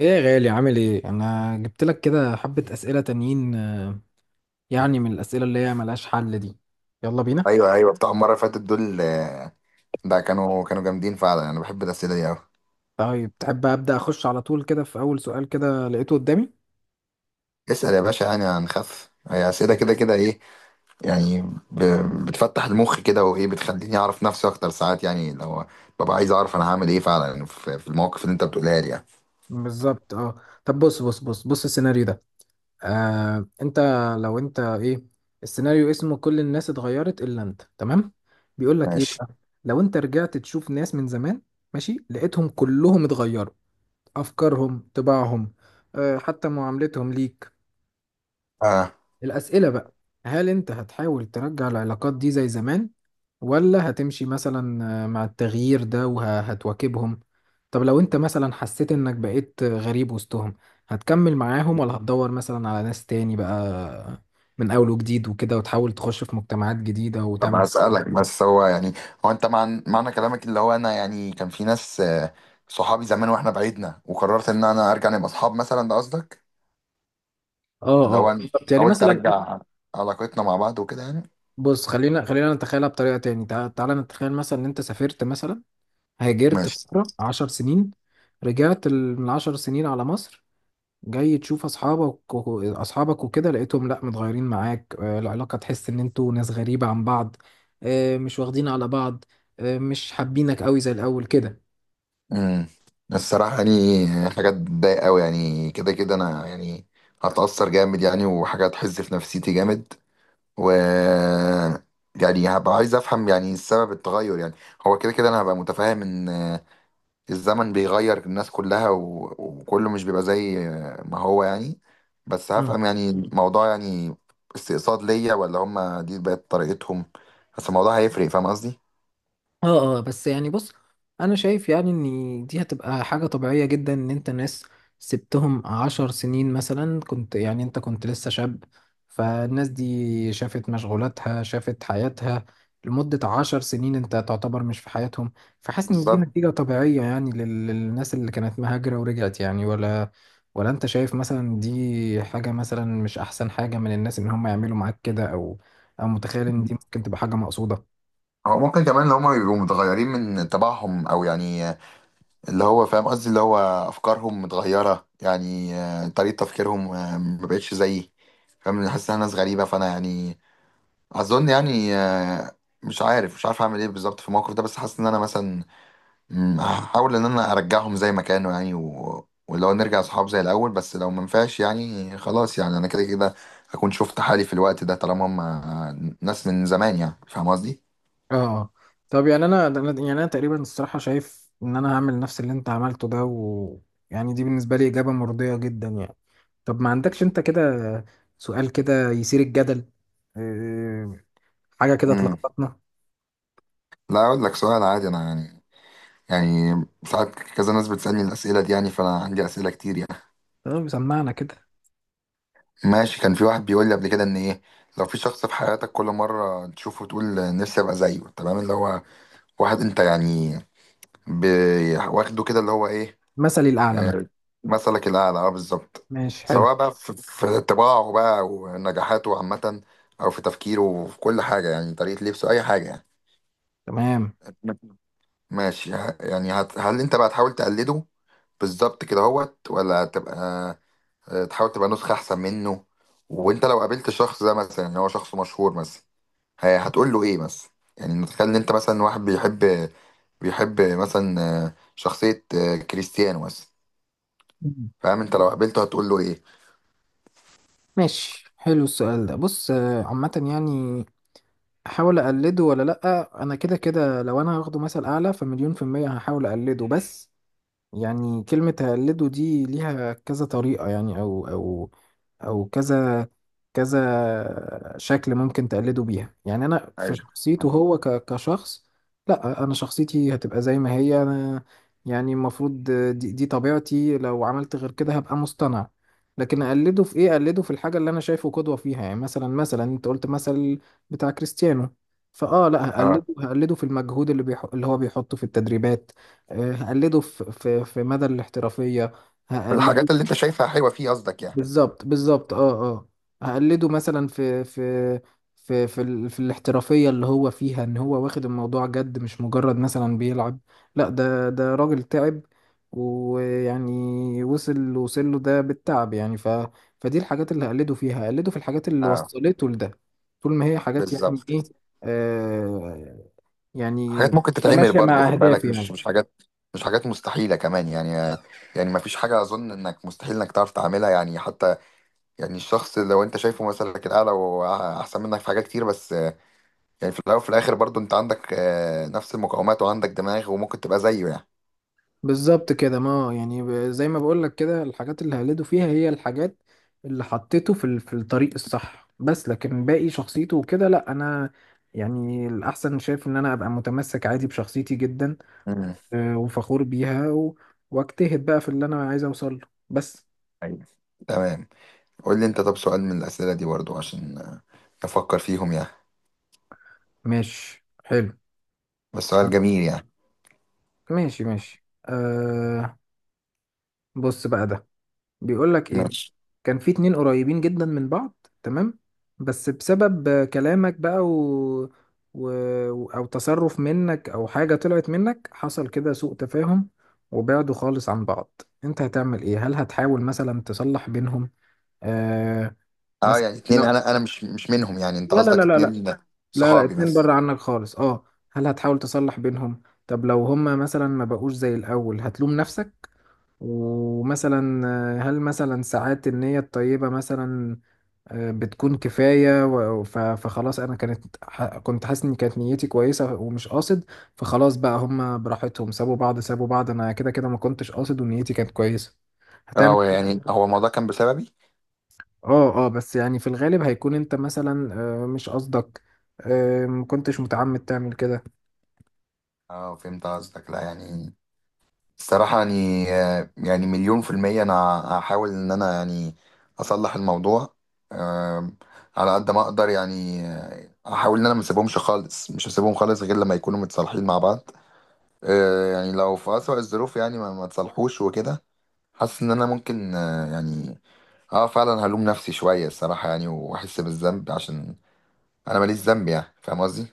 ايه يا غالي، عامل ايه؟ انا جبت لك كده حبة اسئلة تانيين، يعني من الاسئلة اللي هي ملهاش حل دي. يلا بينا. ايوه ايوه بتاع المره اللي فاتت دول، ده كانوا جامدين فعلا، انا بحب الاسئله دي قوي. طيب تحب ابدا اخش على طول كده في اول سؤال كده لقيته قدامي. اسال يا باشا، يعني هنخف، هي اسئله كده كده ايه يعني؟ ب... بتفتح المخ كده، وايه بتخليني اعرف نفسي اكتر، ساعات يعني لو ببقى عايز اعرف انا هعمل ايه فعلا في المواقف اللي انت بتقولها لي يعني. بالظبط. اه طب بص بص بص بص، السيناريو ده. انت، لو انت ايه، السيناريو اسمه كل الناس اتغيرت الا انت، تمام؟ بيقول لك ايه ماشي بقى. لو انت رجعت تشوف ناس من زمان، ماشي، لقيتهم كلهم اتغيروا، افكارهم، طباعهم، حتى معاملتهم ليك. آه. الأسئلة بقى: هل أنت هتحاول ترجع العلاقات دي زي زمان، ولا هتمشي مثلا مع التغيير ده وهتواكبهم؟ طب لو أنت مثلا حسيت إنك بقيت غريب وسطهم، هتكمل معاهم ولا هتدور مثلا على ناس تاني بقى من أول وجديد وكده، وتحاول تخش في مجتمعات جديدة طب وتعمل؟ هسألك، بس هو يعني، هو انت معنى كلامك اللي هو انا يعني كان في ناس، صحابي زمان واحنا بعيدنا وقررت ان انا ارجع نبقى اصحاب مثلا، ده قصدك؟ اه اللي هو اه. أنا طب يعني حاولت مثلا، ارجع علاقتنا مع بعض وكده يعني. بص، خلينا نتخيلها بطريقة تاني، تعالى نتخيل مثلا ان انت سافرت مثلا، هاجرت ماشي. فترة 10 سنين، رجعت من 10 سنين على مصر، جاي تشوف اصحابك وكده، لقيتهم لا متغيرين معاك، العلاقه تحس ان انتوا ناس غريبه عن بعض، مش واخدين على بعض، مش حابينك قوي زي الاول كده. امم الصراحة يعني حاجات بتضايق قوي يعني، كده كده أنا يعني هتأثر جامد يعني، وحاجة هتحز في نفسيتي جامد. و يعني هبقى عايز أفهم يعني سبب التغير يعني. هو كده كده أنا هبقى متفاهم إن الزمن بيغير الناس كلها وكله مش بيبقى زي ما هو يعني. بس هفهم يعني الموضوع يعني، استقصاد ليا ولا هما دي بقت طريقتهم؟ بس الموضوع هيفرق، فاهم قصدي؟ اه اه. بس يعني بص، انا شايف يعني ان دي هتبقى حاجة طبيعية جدا، ان انت ناس سبتهم 10 سنين مثلا، يعني انت كنت لسه شاب، فالناس دي شافت مشغولاتها، شافت حياتها لمدة 10 سنين، انت تعتبر مش في حياتهم. فحاسس ان دي بالظبط. نتيجة طبيعية يعني للناس اللي كانت مهاجرة ورجعت يعني، ولا انت شايف مثلا دي حاجة مثلا مش احسن حاجة من الناس، ان هم يعملوا معاك كده، او متخيل ان دي ممكن تبقى حاجة مقصودة؟ هو ممكن كمان اللي هما بيبقوا متغيرين من طباعهم، او يعني اللي هو فاهم قصدي، اللي هو افكارهم متغيره يعني، طريقه تفكيرهم ما بقتش زيي، فاهم؟ أنا حاسس انها ناس غريبه، فانا يعني اظن يعني مش عارف اعمل ايه بالظبط في الموقف ده، بس حاسس ان انا مثلا هحاول ان انا ارجعهم زي ما كانوا يعني، ولو نرجع صحاب زي الاول، بس لو ما ينفعش يعني خلاص، يعني انا كده كده هكون شفت حالي في الوقت ده، طالما هم ناس من زمان، يعني فاهم قصدي؟ اه. طب يعني يعني انا تقريبا الصراحه شايف ان انا هعمل نفس اللي انت عملته ده، و يعني دي بالنسبه لي اجابه مرضيه جدا يعني. طب ما عندكش انت كده سؤال كده يثير الجدل، إيه، حاجه كده تلخبطنا؟ لا اقول لك سؤال عادي انا يعني، يعني ساعات كذا ناس بتسالني الاسئله دي يعني، فانا عندي اسئله كتير يعني. طب سمعنا كده. ماشي. كان في واحد بيقول لي قبل كده ان ايه، لو في شخص في حياتك كل مره تشوفه تقول نفسي ابقى زيه، تمام، اللي هو واحد انت يعني واخده كده اللي هو ايه. مثلي الاعلى مثلا. آه، مثلك الاعلى، اه بالظبط. ماشي، حلو. سواء بقى في طباعه بقى ونجاحاته عامه، او في تفكيره وفي كل حاجه يعني، طريقه لبسه اي حاجه يعني. تمام. ماشي. هل انت بقى تحاول تقلده بالظبط كده هوت، ولا تبقى تحاول تبقى نسخة أحسن منه؟ وأنت لو قابلت الشخص ده مثلا إن هو شخص مشهور مثلا، هتقول له إيه مثلا؟ يعني نتخيل إن أنت مثلا واحد بيحب، مثلا شخصية كريستيانو مثلا. مم. فاهم أنت لو قابلته هتقول له إيه؟ ماشي، حلو. السؤال ده، بص، عامه يعني، احاول اقلده ولا لا. انا كده كده لو انا هاخده مثل اعلى فمليون في الميه هحاول اقلده، بس يعني كلمة هقلده دي ليها كذا طريقة يعني، أو كذا كذا شكل ممكن تقلده بيها يعني. أنا في ايوه شخصيته، هو كشخص، لأ، أنا شخصيتي هتبقى زي ما هي أنا، يعني المفروض دي طبيعتي، لو عملت غير كده هبقى مصطنع. لكن أقلده في إيه؟ أقلده في الحاجة اللي أنا شايفه قدوة فيها، يعني مثلا أنت قلت مثل بتاع كريستيانو، فأه لأ، هقلده اه. هقلده في المجهود اللي اللي هو بيحطه في التدريبات. هقلده في مدى الاحترافية، هقلده. الحاجات اللي أنت شايفها حلوة فيه قصدك يعني؟ بالظبط، بالظبط، اه اه. هقلده مثلا في الاحترافية اللي هو فيها، ان هو واخد الموضوع جد، مش مجرد مثلا بيلعب، لا، ده راجل تعب، ويعني وصل له ده بالتعب، يعني فدي الحاجات اللي هقلده فيها، هقلده في الحاجات اللي اه وصلته لده، طول ما هي حاجات يعني بالظبط. ايه. آه يعني، حاجات ممكن تتعمل تماشى برضه، مع خد بالك اهدافي مش يعني. مش مش حاجات مستحيلة كمان، يعني يعني مفيش حاجة أظن إنك مستحيل إنك تعرف تعملها يعني حتى، يعني الشخص لو انت شايفه مثلك الاعلى واحسن منك في حاجات كتير، بس يعني في الاول وفي الاخر برضو انت عندك نفس المقاومات وعندك دماغ وممكن تبقى زيه يعني. بالظبط كده، ما يعني زي ما بقولك كده، الحاجات اللي هقلده فيها هي الحاجات اللي حطيته في في الطريق الصح، بس لكن باقي شخصيته وكده لا، انا يعني الاحسن شايف ان انا ابقى متمسك عادي بشخصيتي جدا، امم وفخور بيها واجتهد بقى في اللي انا عايز اوصل له، بس. ايوه تمام. قول لي انت، طب سؤال من الاسئله دي برضو عشان افكر فيهم يعني. ماشي، حلو. بس آه، سؤال جميل يعني. ماشي ماشي أه. بص بقى ده بيقول لك ايه. ماشي. كان في اتنين قريبين جدا من بعض، تمام، بس بسبب كلامك بقى و... او تصرف منك او حاجة طلعت منك، حصل كده سوء تفاهم، وبعدوا خالص عن بعض. انت هتعمل ايه؟ هل هتحاول مثلا تصلح بينهم؟ آه اه مثلا يعني اتنين، لا انا مش منهم يعني؟ انت لا لا لا قصدك لا لا اتنين لا لا، صحابي اتنين بره بس؟ عنك خالص، اه. هل هتحاول تصلح بينهم؟ طب لو هما مثلا ما بقوش زي الاول، هتلوم نفسك ومثلا، هل مثلا ساعات النية الطيبة مثلا بتكون كفاية، فخلاص أنا كنت حاسس إن كانت نيتي كويسة ومش قاصد، فخلاص بقى هما براحتهم سابوا بعض سابوا بعض، أنا كده كده ما كنتش قاصد ونيتي كانت كويسة. اه. هتعمل. هو يعني، هو الموضوع كان بسببي؟ اه اه. بس يعني في الغالب هيكون أنت مثلا مش قصدك، ما كنتش متعمد تعمل كده. اه فهمت قصدك. لا يعني الصراحة يعني مليون في المية أنا هحاول إن أنا يعني أصلح الموضوع، أم، على قد ما أقدر يعني، أحاول إن أنا ما أسيبهمش خالص، مش هسيبهم خالص غير لما يكونوا متصالحين مع بعض. أه، يعني لو في أسوأ الظروف يعني ما تصالحوش وكده، حاسس إن أنا ممكن أه، يعني أه فعلا هلوم نفسي شوية الصراحة يعني، وأحس بالذنب عشان أنا ماليش ذنب، يعني فاهم قصدي؟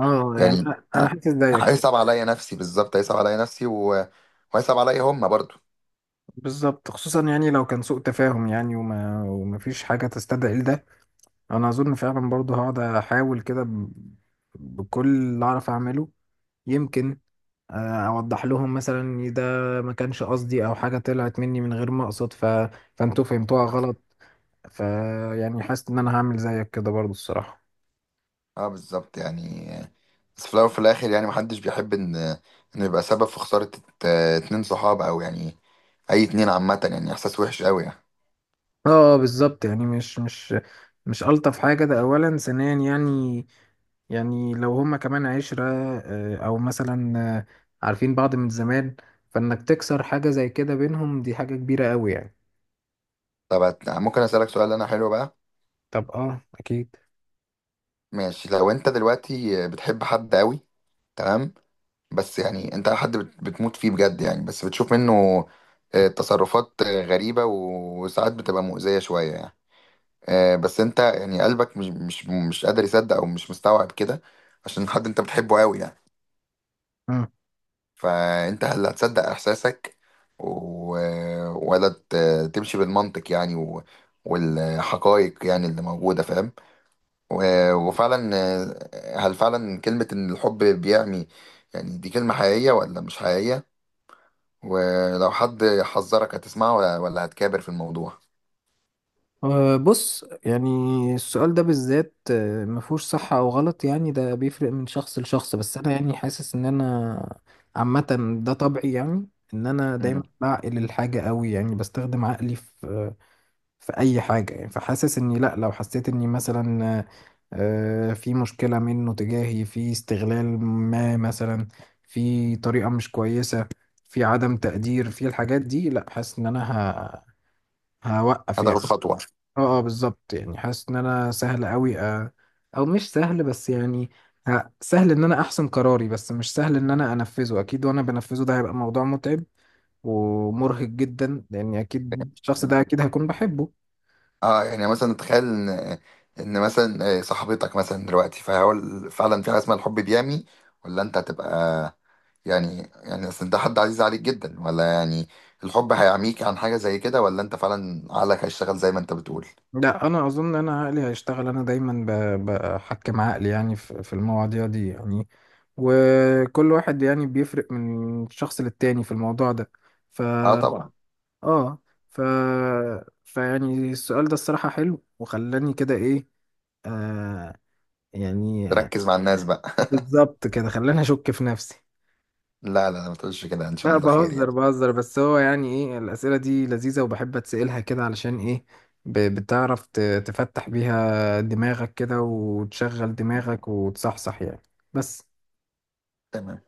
اه يعني يعني أنا حاسس زيك. هيصعب عليا نفسي بالظبط، هيصعب عليا نفسي وهيصعب عليا هما برضه. بالظبط، خصوصا يعني لو كان سوء تفاهم يعني، ومفيش حاجة تستدعي ده. انا اظن فعلا برضه هقعد احاول كده بكل اللي اعرف اعمله، يمكن اوضح لهم مثلا إن ده ما كانش قصدي، او حاجه طلعت مني من غير ما اقصد، فانتوا فهمتوها غلط، ف يعني حاسس ان انا هعمل زيك كده برضه الصراحه. اه بالظبط يعني. بس في الاول وفي الاخر يعني محدش بيحب ان انه يبقى سبب في خسارة اتنين صحابه، او يعني اي اتنين عامة، يعني احساس وحش قوي يعني. اه، بالظبط يعني، مش الطف حاجه ده اولا، ثانيا يعني، يعني لو هما كمان 10، أو مثلا عارفين بعض من زمان، فإنك تكسر حاجة زي كده بينهم دي حاجة كبيرة أوي يعني. طب ممكن اسألك سؤال انا حلو بقى؟ طب اه، اكيد. ماشي. لو انت دلوقتي بتحب حد قوي، تمام، بس يعني انت حد بتموت فيه بجد يعني، بس بتشوف منه تصرفات غريبة وساعات بتبقى مؤذية شوية يعني، بس انت يعني قلبك مش قادر يصدق او مش مستوعب كده عشان حد انت بتحبه قوي يعني. مم. فانت اللي هتصدق احساسك، و... ولا تمشي بالمنطق يعني والحقائق يعني اللي موجودة، فاهم؟ و... وفعلا هل فعلا كلمة ان الحب بيعمي يعني دي كلمة حقيقية ولا مش حقيقية؟ ولو حد حذرك هتسمعه ولا هتكابر في الموضوع؟ بص يعني السؤال ده بالذات مفهوش صح او غلط يعني، ده بيفرق من شخص لشخص، بس انا يعني حاسس ان انا عامة ده طبعي يعني، ان انا دايما مم. بعقل الحاجة قوي يعني، بستخدم عقلي في اي حاجة يعني، فحاسس اني لا، لو حسيت اني مثلا في مشكلة منه تجاهي، في استغلال ما مثلا، في طريقة مش كويسة، في عدم تقدير، في الحاجات دي، لا، حاسس ان انا هوقف يعني. هتاخد خطوة؟ اه اه، بالظبط يعني، حاسس ان انا سهل قوي، او مش سهل، بس يعني سهل ان انا احسم قراري، بس مش سهل ان انا انفذه، اكيد، وانا بنفذه ده هيبقى موضوع متعب ومرهق جدا، لان اكيد الشخص ده اكيد هيكون بحبه. اه يعني مثلا تخيل ان مثلا صاحبتك مثلا دلوقتي، فهقول فعلا في حاجه اسمها الحب بيعمي، ولا انت هتبقى، يعني اصل ده حد عزيز عليك جدا، ولا يعني الحب هيعميك عن حاجه زي كده، ولا انت فعلا عقلك هيشتغل زي ما انت بتقول؟ لا، انا اظن ان انا عقلي هيشتغل، انا دايما بحكم عقلي يعني، في المواضيع دي يعني، وكل واحد يعني بيفرق من شخص للتاني في الموضوع ده. اه طبعا. اه. ف فيعني السؤال ده الصراحة حلو وخلاني كده ايه. آه يعني، تركز مع الناس بقى. بالظبط كده خلاني اشك في نفسي. لا لا ما تقولش كده، ان شاء لا، الله خير بهزر يعني. بهزر، بس هو يعني ايه، الأسئلة دي لذيذة وبحب اتسألها كده علشان ايه، بتعرف تفتح بيها دماغك كده وتشغل دماغك وتصحصح يعني. بس تمام.